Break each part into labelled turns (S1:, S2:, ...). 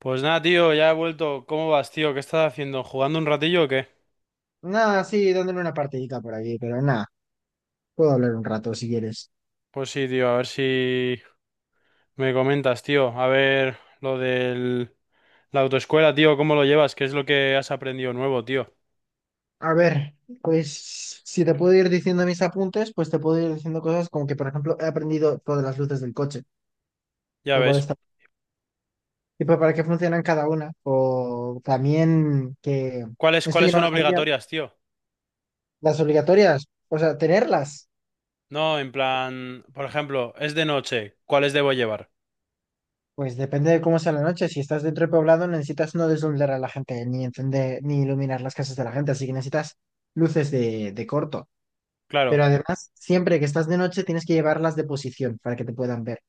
S1: Pues nada, tío, ya he vuelto. ¿Cómo vas, tío? ¿Qué estás haciendo? ¿Jugando un ratillo o qué?
S2: Nada, sí, dándole una partidita por aquí, pero nada, puedo hablar un rato si quieres.
S1: Pues sí, tío, a ver si me comentas, tío. A ver lo del... la autoescuela, tío, ¿cómo lo llevas? ¿Qué es lo que has aprendido nuevo, tío?
S2: A ver, pues si te puedo ir diciendo mis apuntes, pues te puedo ir diciendo cosas como que, por ejemplo, he aprendido todas las luces del coche,
S1: Ya
S2: lo cual
S1: ves.
S2: está. Y pues, para qué funcionan cada una, o también que,
S1: ¿Cuáles,
S2: esto yo
S1: cuáles
S2: no
S1: son
S2: lo sabía,
S1: obligatorias, tío?
S2: las obligatorias, o sea, tenerlas,
S1: No, en plan, por ejemplo, es de noche, ¿cuáles debo llevar?
S2: pues depende de cómo sea la noche, si estás dentro del poblado necesitas no deslumbrar a la gente, ni encender, ni iluminar las casas de la gente, así que necesitas luces de corto. Pero
S1: Claro,
S2: además, siempre que estás de noche tienes que llevarlas de posición para que te puedan ver.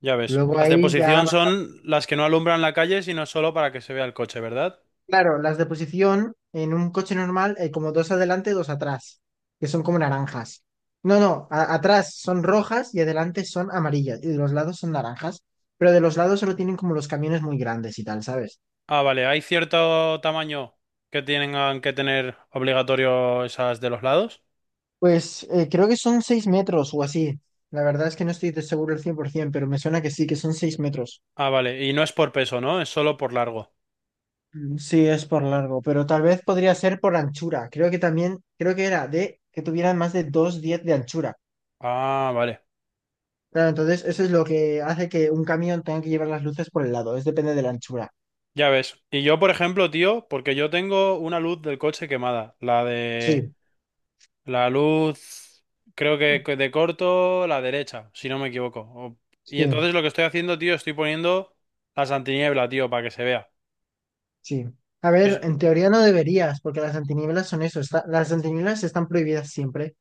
S1: ya ves.
S2: Luego
S1: Las de
S2: ahí ya
S1: posición
S2: va-
S1: son las que no alumbran la calle, sino solo para que se vea el coche, ¿verdad?
S2: Claro, las de posición en un coche normal hay como dos adelante, dos atrás, que son como naranjas. No, no, atrás son rojas y adelante son amarillas y de los lados son naranjas, pero de los lados solo tienen como los camiones muy grandes y tal, ¿sabes?
S1: Ah, vale, ¿hay cierto tamaño que tienen que tener obligatorio esas de los lados?
S2: Pues creo que son 6 metros o así. La verdad es que no estoy de seguro el cien por 100%, pero me suena que sí, que son 6 metros.
S1: Ah, vale, y no es por peso, ¿no? Es solo por largo.
S2: Mm, sí, es por largo, pero tal vez podría ser por anchura. Creo que también, creo que era de que tuvieran más de 2,10 de anchura.
S1: Ah, vale,
S2: Claro, entonces eso es lo que hace que un camión tenga que llevar las luces por el lado. Es depende de la anchura.
S1: ya ves. Y yo, por ejemplo, tío, porque yo tengo una luz del coche quemada, la de...
S2: Sí,
S1: La luz, creo que de corto, la derecha, si no me equivoco. O- Y
S2: sí,
S1: entonces lo que estoy haciendo, tío, estoy poniendo las antiniebla, tío, para que se vea.
S2: sí. A ver, en teoría no deberías, porque las antinieblas son eso. Las antinieblas están prohibidas siempre,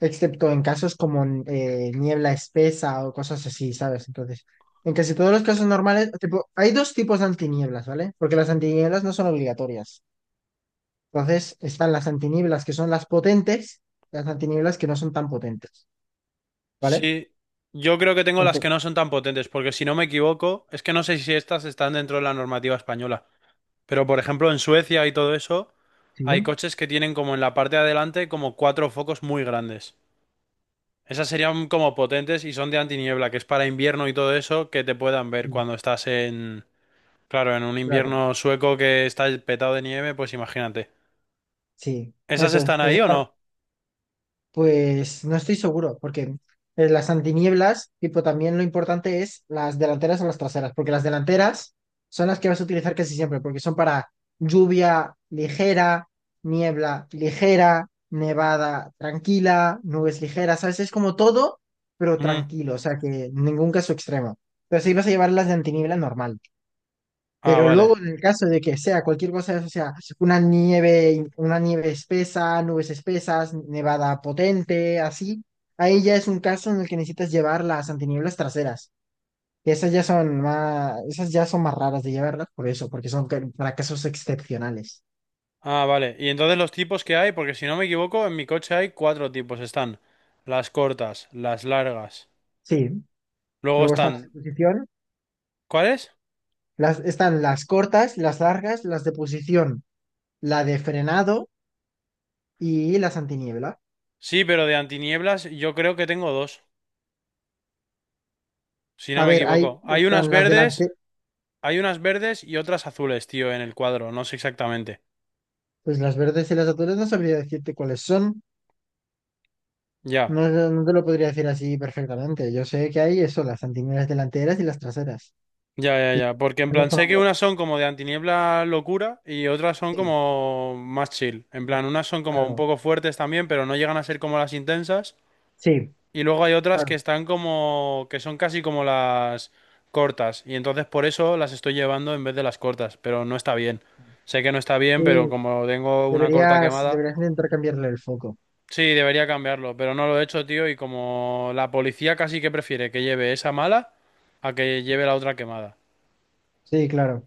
S2: excepto en casos como niebla espesa o cosas así, ¿sabes? Entonces, en casi todos los casos normales, tipo, hay dos tipos de antinieblas, ¿vale? Porque las antinieblas no son obligatorias. Entonces están las antinieblas que son las potentes, las antinieblas que no son tan potentes, ¿vale?
S1: Sí, yo creo que tengo las
S2: Aunque-
S1: que no son tan potentes, porque si no me equivoco, es que no sé si estas están dentro de la normativa española, pero por ejemplo en Suecia y todo eso,
S2: Sí,
S1: hay coches que tienen como en la parte de adelante como cuatro focos muy grandes. Esas serían como potentes y son de antiniebla, que es para invierno y todo eso, que te puedan ver
S2: mm,
S1: cuando estás en, claro, en un
S2: claro,
S1: invierno sueco que está petado de nieve, pues imagínate.
S2: sí,
S1: ¿Esas
S2: eso,
S1: están
S2: eso
S1: ahí
S2: es.
S1: o no?
S2: Pues no estoy seguro, porque las antinieblas, tipo, también lo importante es las delanteras o las traseras, porque las delanteras son las que vas a utilizar casi siempre, porque son para lluvia ligera, niebla ligera, nevada tranquila, nubes ligeras, ¿sabes? Es como todo, pero
S1: Ujú.
S2: tranquilo, o sea que ningún caso extremo. Pero sí vas a llevar las de antiniebla normal.
S1: Ah,
S2: Pero luego,
S1: vale.
S2: en el caso de que sea cualquier cosa, o sea, una nieve espesa, nubes espesas, nevada potente, así, ahí ya es un caso en el que necesitas llevar las antinieblas traseras. Y esas ya son más, esas ya son más raras de llevarlas por eso, porque son para casos excepcionales.
S1: Ah, vale. Y entonces los tipos que hay, porque si no me equivoco, en mi coche hay cuatro tipos. Están las cortas, las largas.
S2: Sí.
S1: Luego
S2: Luego están las de
S1: están...
S2: posición,
S1: ¿Cuáles?
S2: las, están las cortas, las largas, las de posición, la de frenado y las antiniebla.
S1: Sí, pero de antinieblas yo creo que tengo dos, si
S2: A
S1: no me
S2: ver, ahí
S1: equivoco.
S2: están las delante.
S1: Hay unas verdes y otras azules, tío, en el cuadro. No sé exactamente.
S2: Pues las verdes y las azules no sabría decirte cuáles son.
S1: Ya,
S2: No, no te lo podría decir así perfectamente. Yo sé que hay eso, las antineras delanteras y las traseras.
S1: ya, ya,
S2: Y
S1: ya.
S2: que
S1: Porque en
S2: no
S1: plan
S2: son
S1: sé que
S2: obligatorias.
S1: unas son como de antiniebla locura y otras son
S2: Sí,
S1: como más chill. En plan, unas son como un
S2: claro.
S1: poco fuertes también, pero no llegan a ser como las intensas.
S2: Sí,
S1: Y luego hay otras que
S2: claro.
S1: están como, que son casi como las cortas. Y entonces por eso las estoy llevando en vez de las cortas. Pero no está bien. Sé que no está bien, pero
S2: Sí,
S1: como tengo una corta
S2: deberías,
S1: quemada,
S2: deberías intentar cambiarle el foco.
S1: sí, debería cambiarlo. Pero no lo he hecho, tío. Y como la policía casi que prefiere que lleve esa mala a que lleve la otra quemada.
S2: Sí, claro.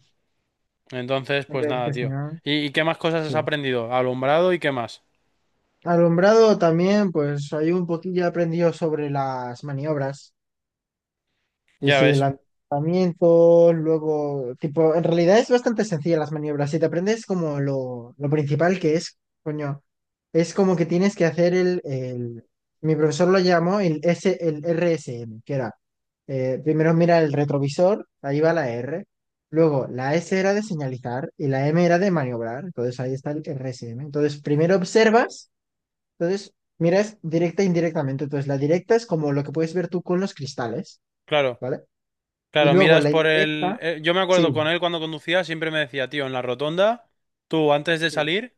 S1: Entonces, pues
S2: Hombre, es que
S1: nada,
S2: si
S1: tío.
S2: no,
S1: ¿Y qué más cosas has
S2: sí.
S1: aprendido? Alumbrado y qué más.
S2: Alumbrado también, pues hay un poquillo aprendido sobre las maniobras. Y
S1: Ya
S2: sí,
S1: ves,
S2: lanzamientos, luego, tipo, en realidad es bastante sencilla las maniobras. Si te aprendes como lo principal que es, coño, es como que tienes que hacer. Mi profesor lo llamó el RSM, que era, primero mira el retrovisor, ahí va la R, luego la S era de señalizar y la M era de maniobrar, entonces ahí está el RSM. Entonces, primero observas, entonces miras directa e indirectamente, entonces la directa es como lo que puedes ver tú con los cristales.
S1: claro.
S2: ¿Vale? Y
S1: Claro,
S2: luego
S1: miras
S2: la
S1: por el...
S2: indirecta,
S1: yo me
S2: sí,
S1: acuerdo con él cuando conducía, siempre me decía, tío, en la rotonda, tú antes de
S2: sí,
S1: salir,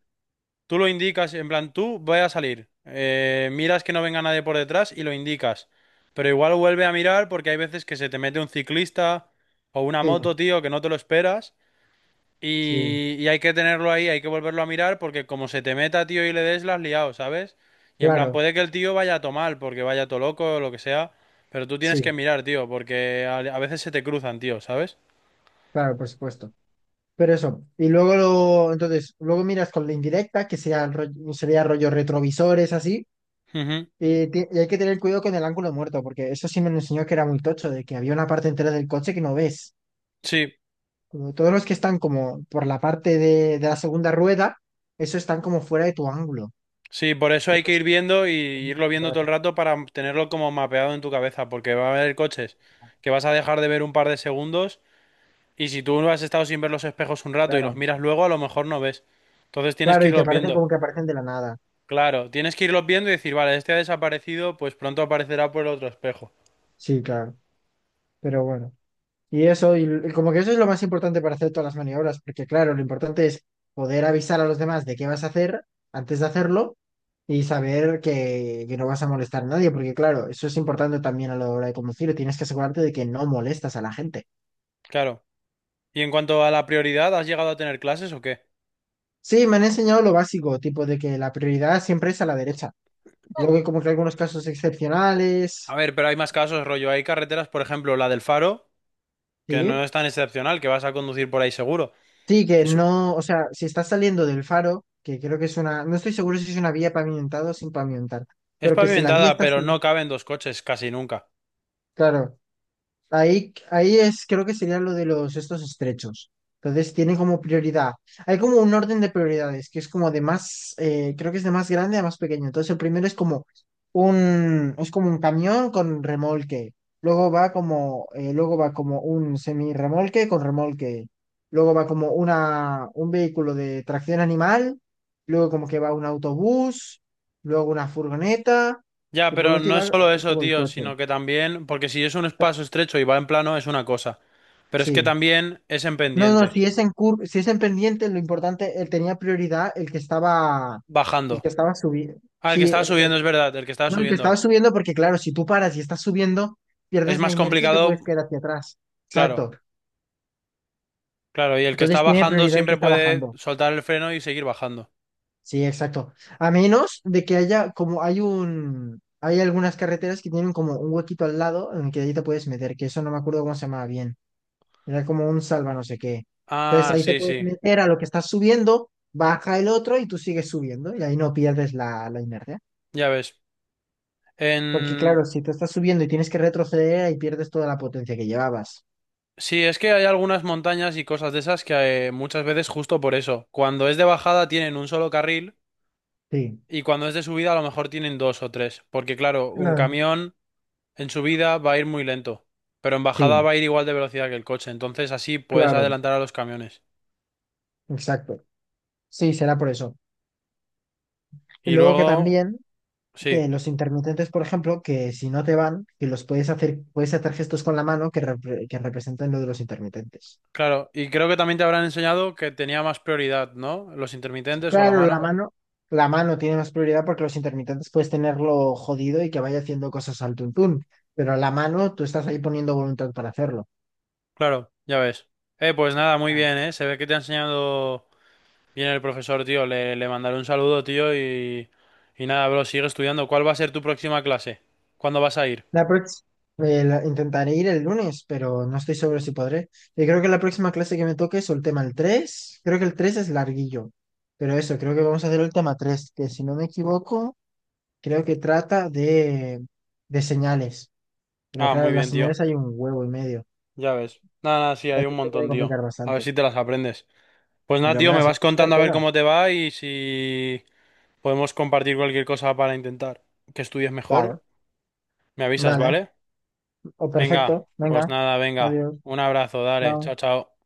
S1: tú lo indicas, en plan, tú voy a salir, miras que no venga nadie por detrás y lo indicas. Pero igual vuelve a mirar porque hay veces que se te mete un ciclista o una
S2: sí,
S1: moto, tío, que no te lo esperas
S2: sí,
S1: y hay que tenerlo ahí, hay que volverlo a mirar porque como se te meta, tío, y le des, las has liado, ¿sabes? Y en plan,
S2: claro,
S1: puede que el tío vaya a tomar porque vaya todo loco o lo que sea, pero tú tienes que
S2: sí,
S1: mirar, tío, porque a veces se te cruzan, tío, ¿sabes?
S2: claro, por supuesto. Pero eso, y luego, lo- entonces, luego miras con la indirecta, que sea el rollo- sería rollo retrovisores, así,
S1: Ujú.
S2: y hay que tener cuidado con el ángulo muerto, porque eso sí me lo enseñó que era muy tocho, de que había una parte entera del coche que no ves.
S1: Sí,
S2: Como todos los que están como por la parte de la segunda rueda, eso están como fuera de tu ángulo.
S1: sí, por eso
S2: Y
S1: hay que
S2: pues,
S1: ir viendo y irlo viendo todo
S2: claro,
S1: el rato para tenerlo como mapeado en tu cabeza, porque va a haber coches que vas a dejar de ver un par de segundos y si tú has estado sin ver los espejos un rato y los
S2: claro,
S1: miras luego, a lo mejor no ves. Entonces tienes
S2: claro,
S1: que
S2: y te
S1: irlos
S2: parece
S1: viendo.
S2: como que aparecen de la nada.
S1: Claro, tienes que irlos viendo y decir, vale, este ha desaparecido, pues pronto aparecerá por el otro espejo.
S2: Sí, claro, pero bueno. Y eso, y, como que eso es lo más importante para hacer todas las maniobras, porque claro, lo importante es poder avisar a los demás de qué vas a hacer antes de hacerlo y saber que no vas a molestar a nadie, porque claro, eso es importante también a la hora de conducir, tienes que asegurarte de que no molestas a la gente.
S1: Claro. Y en cuanto a la prioridad, ¿has llegado a tener clases o qué?
S2: Sí, me han enseñado lo básico, tipo de que la prioridad siempre es a la derecha. Luego hay como que algunos casos
S1: A
S2: excepcionales,
S1: ver, pero hay más casos, rollo. Hay carreteras, por ejemplo, la del Faro, que no
S2: sí.
S1: es tan excepcional, que vas a conducir por ahí seguro.
S2: Sí, que
S1: Es,
S2: no, o sea, si estás saliendo del faro, que creo que es una, no estoy seguro si es una vía pavimentada o sin pavimentar.
S1: es
S2: Pero que si la vía
S1: pavimentada,
S2: está
S1: pero no caben dos coches casi nunca.
S2: claro, ahí, ahí es, creo que sería lo de los estos estrechos. Entonces tienen como prioridad. Hay como un orden de prioridades, que es como de más, creo que es de más grande a más pequeño. Entonces el primero es como un camión con remolque. Luego va como un semirremolque con remolque. Luego va como una, un vehículo de tracción animal. Luego como que va un autobús. Luego una furgoneta.
S1: Ya,
S2: Y por
S1: pero
S2: último
S1: no
S2: va
S1: es solo eso,
S2: como el
S1: tío,
S2: coche.
S1: sino que también, porque si es un espacio estrecho y va en plano, es una cosa. Pero es que
S2: Sí.
S1: también es en
S2: No, no,
S1: pendiente,
S2: si es en pendiente, lo importante, él tenía prioridad el que
S1: bajando.
S2: estaba subiendo.
S1: Ah, el que
S2: Sí,
S1: estaba
S2: el que,
S1: subiendo, es verdad, el que estaba
S2: no, el que estaba
S1: subiendo.
S2: subiendo, porque claro, si tú paras y estás subiendo,
S1: Es
S2: pierdes la
S1: más
S2: inercia y te puedes
S1: complicado.
S2: quedar hacia atrás.
S1: Claro,
S2: Exacto.
S1: claro, y el que está
S2: Entonces tiene
S1: bajando
S2: prioridad el que
S1: siempre
S2: está
S1: puede
S2: bajando.
S1: soltar el freno y seguir bajando.
S2: Sí, exacto. A menos de que haya, como hay un, hay algunas carreteras que tienen como un huequito al lado en el que ahí te puedes meter, que eso no me acuerdo cómo se llamaba bien. Era como un salva no sé qué. Entonces
S1: Ah,
S2: ahí te
S1: sí,
S2: puedes
S1: sí,
S2: meter a lo que estás subiendo, baja el otro y tú sigues subiendo y ahí no pierdes la inercia.
S1: ya ves.
S2: Porque
S1: En...
S2: claro, si te estás subiendo y tienes que retroceder, ahí pierdes toda la potencia que llevabas.
S1: Sí, es que hay algunas montañas y cosas de esas que muchas veces justo por eso. Cuando es de bajada tienen un solo carril
S2: Sí,
S1: y cuando es de subida a lo mejor tienen dos o tres. Porque claro, un
S2: claro.
S1: camión en subida va a ir muy lento, pero en bajada
S2: Sí,
S1: va a ir igual de velocidad que el coche. Entonces así puedes
S2: claro,
S1: adelantar a los camiones.
S2: exacto. Sí, será por eso. Y
S1: Y
S2: luego que
S1: luego,
S2: también,
S1: sí,
S2: que los intermitentes, por ejemplo, que si no te van, que los puedes hacer gestos con la mano que, que representan lo de los intermitentes.
S1: claro. Y creo que también te habrán enseñado que tenía más prioridad, ¿no? Los intermitentes o la
S2: Claro,
S1: mano.
S2: la mano tiene más prioridad porque los intermitentes puedes tenerlo jodido y que vaya haciendo cosas al tuntún, pero la mano tú estás ahí poniendo voluntad para hacerlo.
S1: Claro, ya ves. Pues nada, muy
S2: Ah.
S1: bien, ¿eh? Se ve que te ha enseñado bien el profesor, tío. Le mandaré un saludo, tío, y nada, bro, sigue estudiando. ¿Cuál va a ser tu próxima clase? ¿Cuándo vas a ir?
S2: La próxima, intentaré ir el lunes, pero no estoy seguro si podré. Y creo que la próxima clase que me toque es el tema el 3. Creo que el 3 es larguillo, pero eso, creo que vamos a hacer el tema 3, que si no me equivoco, creo que trata de señales. Pero
S1: Ah,
S2: claro,
S1: muy
S2: las
S1: bien, tío.
S2: señales hay un huevo y medio.
S1: Ya ves. Nada, nada, sí,
S2: Y
S1: hay
S2: así
S1: un
S2: se puede
S1: montón, tío.
S2: complicar
S1: A ver
S2: bastante.
S1: si te las aprendes. Pues nada,
S2: Yo me
S1: tío, me
S2: las voy
S1: vas
S2: a hacer
S1: contando a ver
S2: todas.
S1: cómo te va y si podemos compartir cualquier cosa para intentar que estudies mejor.
S2: Claro,
S1: Me avisas,
S2: dale.
S1: ¿vale?
S2: O perfecto.
S1: Venga,
S2: Venga,
S1: pues nada, venga.
S2: adiós.
S1: Un abrazo, dale.
S2: Chao.
S1: Chao, chao.